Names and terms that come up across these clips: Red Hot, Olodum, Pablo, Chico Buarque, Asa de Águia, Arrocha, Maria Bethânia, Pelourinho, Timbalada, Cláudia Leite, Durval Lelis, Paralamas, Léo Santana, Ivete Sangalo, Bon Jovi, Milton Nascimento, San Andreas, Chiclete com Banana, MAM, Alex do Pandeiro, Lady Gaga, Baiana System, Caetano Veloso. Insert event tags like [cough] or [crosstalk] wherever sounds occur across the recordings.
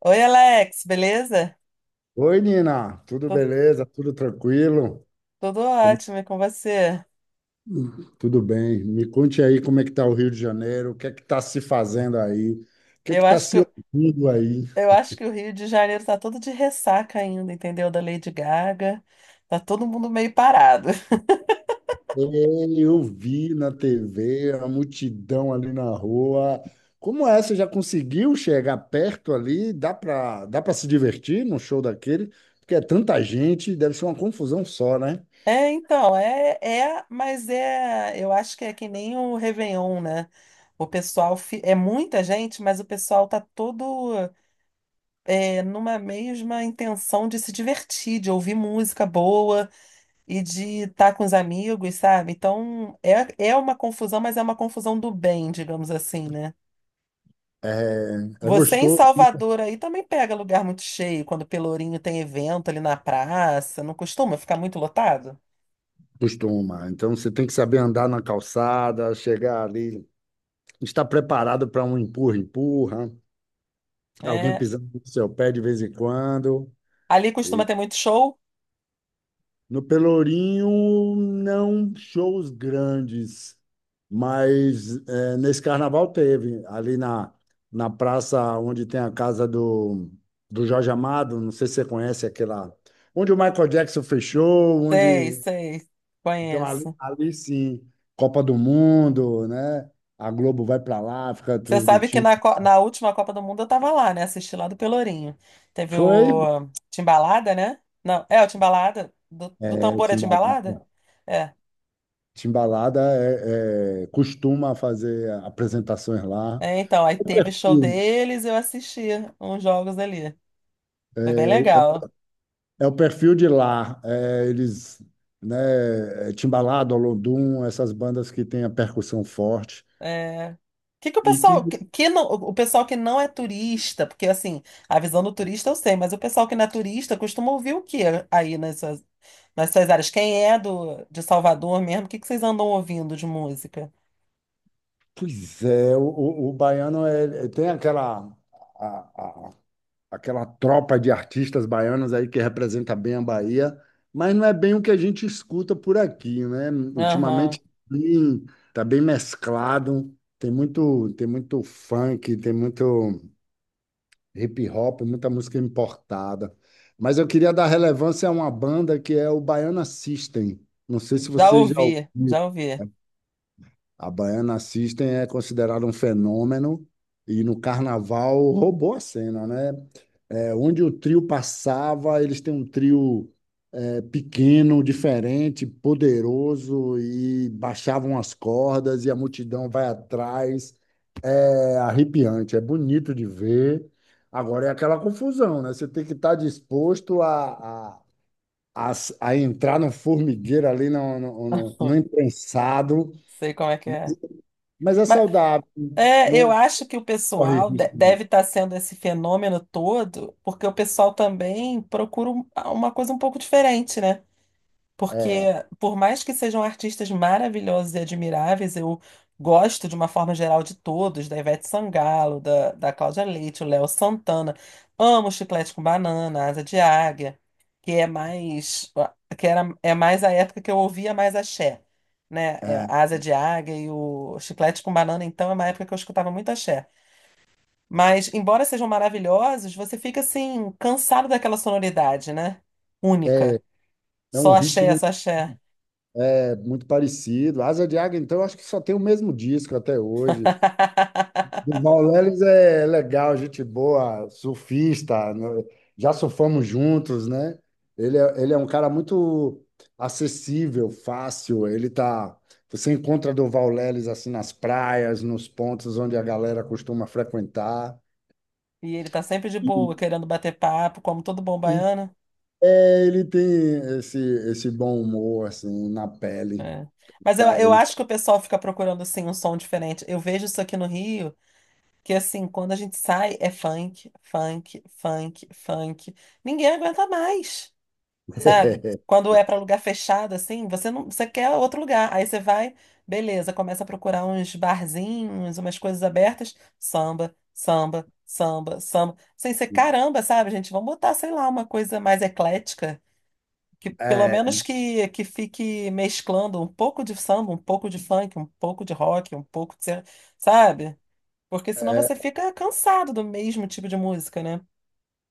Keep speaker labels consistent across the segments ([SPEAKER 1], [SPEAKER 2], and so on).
[SPEAKER 1] Oi, Alex, beleza?
[SPEAKER 2] Oi, Nina, tudo
[SPEAKER 1] Tô-
[SPEAKER 2] beleza? Tudo tranquilo?
[SPEAKER 1] Tudo
[SPEAKER 2] Como-
[SPEAKER 1] ótimo e com você.
[SPEAKER 2] Tudo bem. Me conte aí como é que tá o Rio de Janeiro, o que é que tá se fazendo aí, o que é que
[SPEAKER 1] Eu
[SPEAKER 2] tá
[SPEAKER 1] acho que,
[SPEAKER 2] se
[SPEAKER 1] eu
[SPEAKER 2] ouvindo aí.
[SPEAKER 1] acho que o Rio de Janeiro tá todo de ressaca ainda, entendeu? Da Lady Gaga. Tá todo mundo meio parado. [laughs]
[SPEAKER 2] Ei, eu vi na TV a multidão ali na rua. Como é? Você já conseguiu chegar perto ali? Dá para se divertir num show daquele? Porque é tanta gente, deve ser uma confusão só, né?
[SPEAKER 1] Eu acho que é que nem o Réveillon, né? É muita gente, mas o pessoal tá todo numa mesma intenção de se divertir, de ouvir música boa e de estar com os amigos, sabe? Então, é uma confusão, mas é uma confusão do bem, digamos assim, né?
[SPEAKER 2] É, é
[SPEAKER 1] Você em
[SPEAKER 2] gostoso, né?
[SPEAKER 1] Salvador aí também pega lugar muito cheio, quando Pelourinho tem evento ali na praça, não costuma ficar muito lotado?
[SPEAKER 2] Costuma. Então você tem que saber andar na calçada, chegar ali. Está preparado para um empurra-empurra, alguém
[SPEAKER 1] É.
[SPEAKER 2] pisando no seu pé de vez em quando.
[SPEAKER 1] Ali costuma
[SPEAKER 2] E
[SPEAKER 1] ter muito show?
[SPEAKER 2] no Pelourinho, não shows grandes, mas nesse carnaval teve, na praça onde tem a casa do Jorge Amado, não sei se você conhece aquela. Onde o Michael Jackson fechou,
[SPEAKER 1] Sei,
[SPEAKER 2] onde.
[SPEAKER 1] sei,
[SPEAKER 2] Então,
[SPEAKER 1] conheço.
[SPEAKER 2] ali sim, Copa do Mundo, né? A Globo vai para lá, fica
[SPEAKER 1] Você sabe que
[SPEAKER 2] transmitindo.
[SPEAKER 1] na, co- na última Copa do Mundo eu tava lá, né? Assisti lá do Pelourinho. Teve
[SPEAKER 2] Foi,
[SPEAKER 1] o Timbalada, né? Não, é o Timbalada? Do
[SPEAKER 2] é,
[SPEAKER 1] tambor é
[SPEAKER 2] Timbalada.
[SPEAKER 1] Timbalada? É.
[SPEAKER 2] Timbalada costuma fazer apresentações lá.
[SPEAKER 1] É, então, aí teve show
[SPEAKER 2] Hum.
[SPEAKER 1] deles, eu assisti uns jogos ali. Foi bem
[SPEAKER 2] É, o
[SPEAKER 1] legal.
[SPEAKER 2] é o perfil de lá. É, eles, né, é Timbalada, Olodum, essas bandas que têm a percussão forte.
[SPEAKER 1] É... que o
[SPEAKER 2] E que,
[SPEAKER 1] pessoal que não é turista, porque assim, a visão do turista eu sei, mas o pessoal que não é turista costuma ouvir o que aí nas suas áreas? Quem é do de Salvador mesmo? O que que vocês andam ouvindo de música?
[SPEAKER 2] pois é, o baiano é, tem a, aquela tropa de artistas baianos aí que representa bem a Bahia, mas não é bem o que a gente escuta por aqui, né?
[SPEAKER 1] Aham.
[SPEAKER 2] Ultimamente sim, tá bem mesclado, tem muito funk, tem muito hip hop, muita música importada. Mas eu queria dar relevância a uma banda que é o Baiana System. Não sei se
[SPEAKER 1] Já
[SPEAKER 2] você já
[SPEAKER 1] ouvi,
[SPEAKER 2] ouviu.
[SPEAKER 1] já ouvi.
[SPEAKER 2] A Baiana System é considerada um fenômeno e no carnaval roubou a cena, né? É, onde o trio passava, eles têm um trio pequeno, diferente, poderoso e baixavam as cordas e a multidão vai atrás. É arrepiante, é bonito de ver. Agora é aquela confusão, né? Você tem que estar disposto a entrar no formigueiro ali, no
[SPEAKER 1] [laughs]
[SPEAKER 2] imprensado,
[SPEAKER 1] Sei como é que é.
[SPEAKER 2] mas é saudável,
[SPEAKER 1] É, eu
[SPEAKER 2] não
[SPEAKER 1] acho que
[SPEAKER 2] corre risco. Não.
[SPEAKER 1] deve estar sendo esse fenômeno todo, porque o pessoal também procura uma coisa um pouco diferente, né? Porque,
[SPEAKER 2] É,
[SPEAKER 1] por mais que sejam artistas maravilhosos e admiráveis, eu gosto de uma forma geral de todos, da Ivete Sangalo, da Cláudia Leite, o Léo Santana. Amo Chiclete com Banana, Asa de Águia, que é mais, que era, é mais a época que eu ouvia mais axé, né? É,
[SPEAKER 2] é,
[SPEAKER 1] a Asa de Águia e o Chiclete com Banana, então, é uma época que eu escutava muito axé. Mas, embora sejam maravilhosos, você fica, assim, cansado daquela sonoridade, né? Única.
[SPEAKER 2] é um
[SPEAKER 1] Só axé,
[SPEAKER 2] ritmo.
[SPEAKER 1] só axé.
[SPEAKER 2] É muito parecido. Asa de Águia, então, eu acho que só tem o mesmo disco até hoje.
[SPEAKER 1] [laughs]
[SPEAKER 2] Durval Lelis é legal, gente boa, surfista, né? Já surfamos juntos, né? Ele é um cara muito acessível, fácil. Ele tá. Você encontra Durval Lelis assim nas praias, nos pontos onde a galera costuma frequentar.
[SPEAKER 1] E ele tá sempre de
[SPEAKER 2] E,
[SPEAKER 1] boa, querendo bater papo, como todo bom
[SPEAKER 2] e
[SPEAKER 1] baiano.
[SPEAKER 2] é, ele tem esse, esse bom humor assim na pele.
[SPEAKER 1] É. Mas eu,
[SPEAKER 2] Tá?
[SPEAKER 1] eu acho que o pessoal fica procurando, assim, um som diferente. Eu vejo isso aqui no Rio, que, assim, quando a gente sai, é funk, funk, funk, funk. Ninguém aguenta mais. Sabe?
[SPEAKER 2] [laughs]
[SPEAKER 1] Quando é para lugar fechado, assim, você não, você quer outro lugar. Aí você vai, beleza, começa a procurar uns barzinhos, umas coisas abertas, samba, samba, samba, samba. Sem ser caramba, sabe, gente? Vamos botar, sei lá, uma coisa mais eclética, que pelo menos que fique mesclando um pouco de samba, um pouco de funk, um pouco de rock, sabe? Porque senão
[SPEAKER 2] É,
[SPEAKER 1] você fica cansado do mesmo tipo de música, né?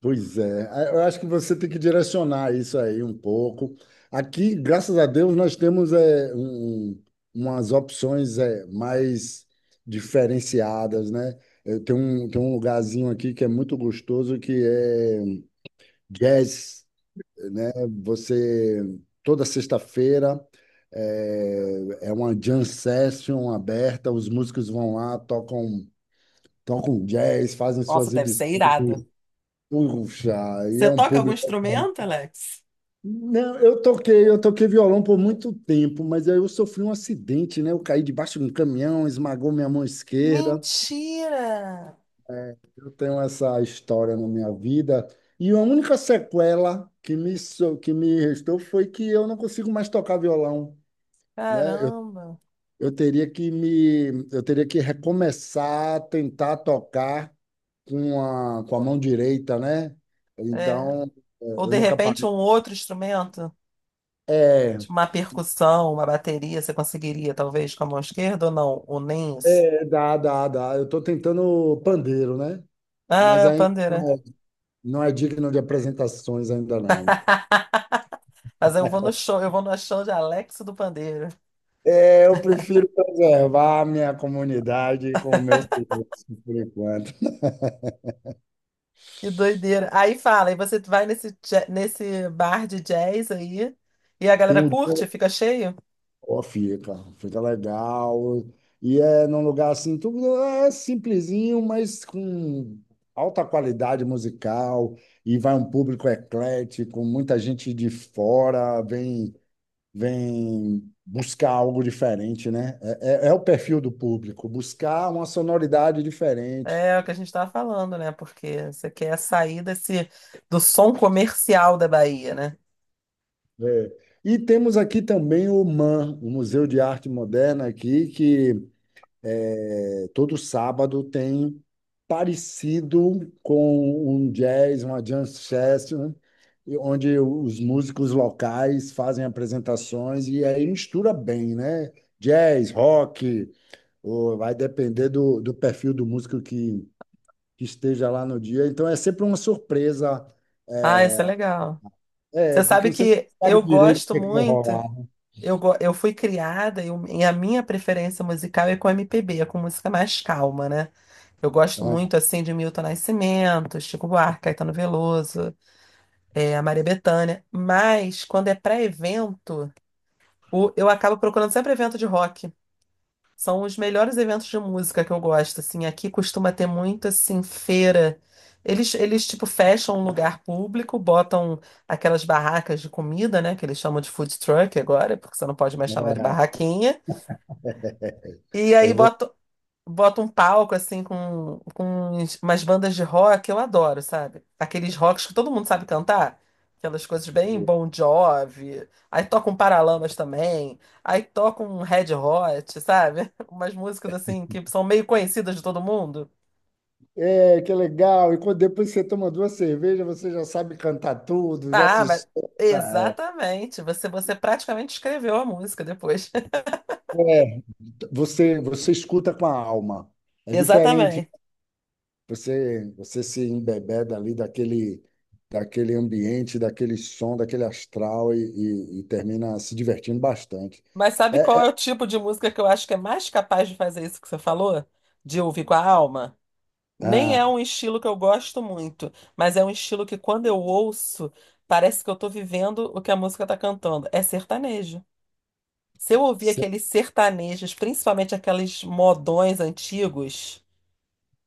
[SPEAKER 2] pois é. É, eu acho que você tem que direcionar isso aí um pouco. Aqui, graças a Deus, nós temos um, umas opções mais diferenciadas, né? Tem um lugarzinho aqui que é muito gostoso, que é jazz, né? Você, toda sexta-feira, é uma jam session aberta, os músicos vão lá, tocam, tocam jazz, fazem suas
[SPEAKER 1] Nossa, deve
[SPEAKER 2] exibições.
[SPEAKER 1] ser irado.
[SPEAKER 2] Puxa, e
[SPEAKER 1] Você
[SPEAKER 2] é um
[SPEAKER 1] toca algum
[SPEAKER 2] público.
[SPEAKER 1] instrumento, Alex?
[SPEAKER 2] Não, eu toquei violão por muito tempo, mas aí eu sofri um acidente, né? Eu caí debaixo de um caminhão, esmagou minha mão esquerda.
[SPEAKER 1] Mentira!
[SPEAKER 2] É, eu tenho essa história na minha vida. E a única sequela que que me restou foi que eu não consigo mais tocar violão, né?
[SPEAKER 1] Caramba!
[SPEAKER 2] Eu teria eu teria que recomeçar a tentar tocar com a mão direita, né?
[SPEAKER 1] É.
[SPEAKER 2] Então, é,
[SPEAKER 1] Ou
[SPEAKER 2] eu
[SPEAKER 1] de
[SPEAKER 2] nunca
[SPEAKER 1] repente um
[SPEAKER 2] parei.
[SPEAKER 1] outro instrumento,
[SPEAKER 2] É,
[SPEAKER 1] tipo uma percussão, uma bateria, você conseguiria, talvez, com a mão esquerda ou não? Ou nem isso?
[SPEAKER 2] Dá. Eu estou tentando pandeiro, né?
[SPEAKER 1] Ah,
[SPEAKER 2] Mas
[SPEAKER 1] é a
[SPEAKER 2] ainda
[SPEAKER 1] pandeira.
[SPEAKER 2] não não é digno de apresentações ainda não.
[SPEAKER 1] [laughs] Mas eu vou no show de Alex do Pandeiro.
[SPEAKER 2] É, eu prefiro preservar a minha comunidade com os meus clientes, por enquanto.
[SPEAKER 1] Que doideira. Aí você vai nesse bar de jazz aí, e a
[SPEAKER 2] Tem
[SPEAKER 1] galera
[SPEAKER 2] um
[SPEAKER 1] curte,
[SPEAKER 2] dia,
[SPEAKER 1] fica cheio?
[SPEAKER 2] ó, fica legal. E é num lugar assim, tudo é simplesinho, mas com alta qualidade musical. E vai um público eclético, muita gente de fora, vem buscar algo diferente, né? É, é o perfil do público, buscar uma sonoridade diferente.
[SPEAKER 1] É o que a gente tava falando, né? Porque você quer sair desse, do som comercial da Bahia, né?
[SPEAKER 2] É. E temos aqui também o MAM, o Museu de Arte Moderna aqui, que é, todo sábado tem parecido com um jazz, uma jam session, onde os músicos locais fazem apresentações e aí mistura bem, né? Jazz, rock, ou vai depender do perfil do músico que esteja lá no dia. Então é sempre uma surpresa,
[SPEAKER 1] Ah, isso é
[SPEAKER 2] é,
[SPEAKER 1] legal. Você
[SPEAKER 2] porque
[SPEAKER 1] sabe
[SPEAKER 2] você não
[SPEAKER 1] que eu
[SPEAKER 2] sabe direito o
[SPEAKER 1] gosto
[SPEAKER 2] que é que vai
[SPEAKER 1] muito,
[SPEAKER 2] rolar.
[SPEAKER 1] eu fui criada e e a minha preferência musical é com MPB, é com música mais calma, né? Eu gosto
[SPEAKER 2] Né?
[SPEAKER 1] muito, assim, de Milton Nascimento, Chico Buarque, Caetano Veloso, a Maria Bethânia, mas quando é para evento, eu acabo procurando sempre evento de rock. São os melhores eventos de música que eu gosto, assim. Aqui costuma ter muito, assim, feira. Tipo, fecham um lugar público, botam aquelas barracas de comida, né? Que eles chamam de food truck agora, porque você não pode mais chamar de
[SPEAKER 2] [laughs]
[SPEAKER 1] barraquinha. E
[SPEAKER 2] É, é,
[SPEAKER 1] aí
[SPEAKER 2] vo-
[SPEAKER 1] botam, bota um palco assim com umas bandas de rock, eu adoro, sabe? Aqueles rocks que todo mundo sabe cantar. Aquelas coisas bem Bon Jovi. Aí toca um Paralamas também. Aí toca um Red Hot, sabe? [laughs] Umas músicas assim que são meio conhecidas de todo mundo.
[SPEAKER 2] é, que legal! E quando depois você toma duas cervejas, você já sabe cantar tudo, já
[SPEAKER 1] Ah,
[SPEAKER 2] se
[SPEAKER 1] mas
[SPEAKER 2] solta.
[SPEAKER 1] exatamente. Você praticamente escreveu a música depois.
[SPEAKER 2] É, é, você, você escuta com a alma.
[SPEAKER 1] [laughs]
[SPEAKER 2] É diferente.
[SPEAKER 1] Exatamente.
[SPEAKER 2] Você se embebeda ali daquele, daquele ambiente, daquele som, daquele astral e e termina se divertindo bastante.
[SPEAKER 1] Mas sabe
[SPEAKER 2] É,
[SPEAKER 1] qual é
[SPEAKER 2] é.
[SPEAKER 1] o tipo de música que eu acho que é mais capaz de fazer isso que você falou? De ouvir com a alma? Nem é
[SPEAKER 2] Ah,
[SPEAKER 1] um estilo que eu gosto muito, mas é um estilo que quando eu ouço, parece que eu tô vivendo o que a música tá cantando. É sertanejo. Se eu ouvir
[SPEAKER 2] sei.
[SPEAKER 1] aqueles sertanejos, principalmente aqueles modões antigos,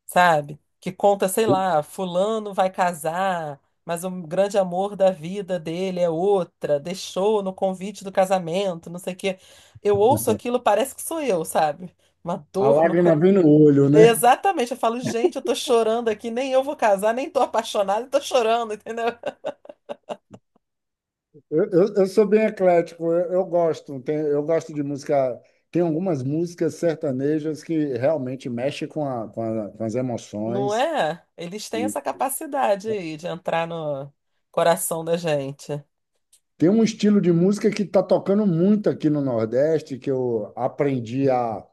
[SPEAKER 1] sabe? Que conta, sei lá, fulano vai casar, mas o grande amor da vida dele é outra, deixou no convite do casamento, não sei o quê. Eu ouço aquilo, parece que sou eu, sabe? Uma
[SPEAKER 2] A
[SPEAKER 1] dor no
[SPEAKER 2] lágrima vem no olho, né?
[SPEAKER 1] Exatamente, eu falo, gente, eu tô chorando aqui, nem eu vou casar, nem tô apaixonada, tô chorando, [laughs] entendeu?
[SPEAKER 2] Eu sou bem eclético, eu gosto, tem, eu gosto de música. Tem algumas músicas sertanejas que realmente mexem com as
[SPEAKER 1] Não
[SPEAKER 2] emoções.
[SPEAKER 1] é? Eles têm essa capacidade aí de entrar no coração da gente.
[SPEAKER 2] Tem um estilo de música que está tocando muito aqui no Nordeste, que eu aprendi a.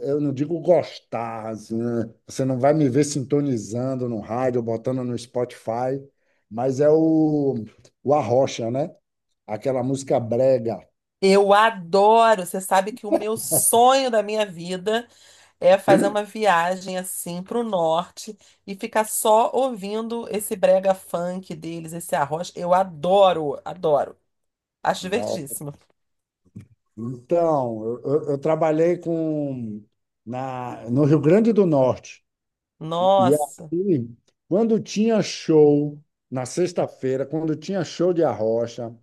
[SPEAKER 2] Eu não digo gostar, assim, né? Você não vai me ver sintonizando no rádio, botando no Spotify, mas é o Arrocha, né? Aquela música brega.
[SPEAKER 1] Eu adoro, você sabe que o meu sonho da minha vida é fazer uma viagem assim pro norte e ficar só ouvindo esse brega funk deles, esse arroz. Eu adoro, adoro. Acho
[SPEAKER 2] Não.
[SPEAKER 1] divertidíssimo.
[SPEAKER 2] Então, eu trabalhei com na, no Rio Grande do Norte. E
[SPEAKER 1] Nossa.
[SPEAKER 2] aí, quando tinha show na sexta-feira, quando tinha show de Arrocha,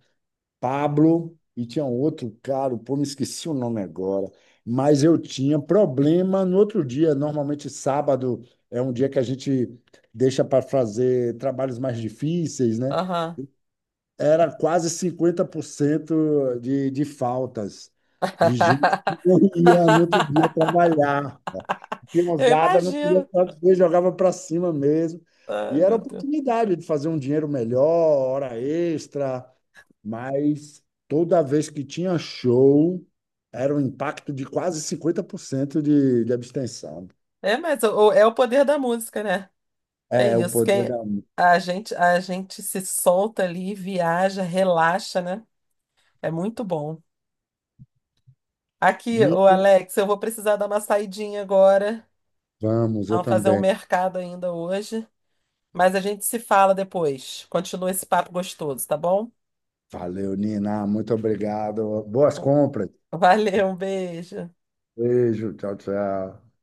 [SPEAKER 2] Pablo e tinha um outro cara, pô, me esqueci o nome agora, mas eu tinha problema no outro dia. Normalmente sábado é um dia que a gente deixa para fazer trabalhos mais difíceis, né?
[SPEAKER 1] Aham.
[SPEAKER 2] Era quase 50% de faltas de gente que não ia no outro dia
[SPEAKER 1] [laughs]
[SPEAKER 2] trabalhar.
[SPEAKER 1] [laughs]
[SPEAKER 2] A
[SPEAKER 1] Eu
[SPEAKER 2] criançada não queria
[SPEAKER 1] imagino.
[SPEAKER 2] fazer, jogava para cima mesmo.
[SPEAKER 1] Ai,
[SPEAKER 2] E era
[SPEAKER 1] meu
[SPEAKER 2] a
[SPEAKER 1] Deus.
[SPEAKER 2] oportunidade de fazer um dinheiro melhor, hora extra, mas toda vez que tinha show, era um impacto de quase 50% de abstenção.
[SPEAKER 1] É, mas é o poder da música, né? É
[SPEAKER 2] É, o
[SPEAKER 1] isso.
[SPEAKER 2] poder
[SPEAKER 1] Quem
[SPEAKER 2] da
[SPEAKER 1] a gente se solta ali, viaja, relaxa, né? É muito bom. Aqui, ô
[SPEAKER 2] música.
[SPEAKER 1] Alex, eu vou precisar dar uma saidinha agora.
[SPEAKER 2] Vamos, eu
[SPEAKER 1] Vamos fazer um
[SPEAKER 2] também.
[SPEAKER 1] mercado ainda hoje, mas a gente se fala depois. Continua esse papo gostoso, tá bom?
[SPEAKER 2] Valeu, Nina. Muito obrigado. Boas compras.
[SPEAKER 1] Valeu, um beijo.
[SPEAKER 2] Beijo. Tchau, tchau.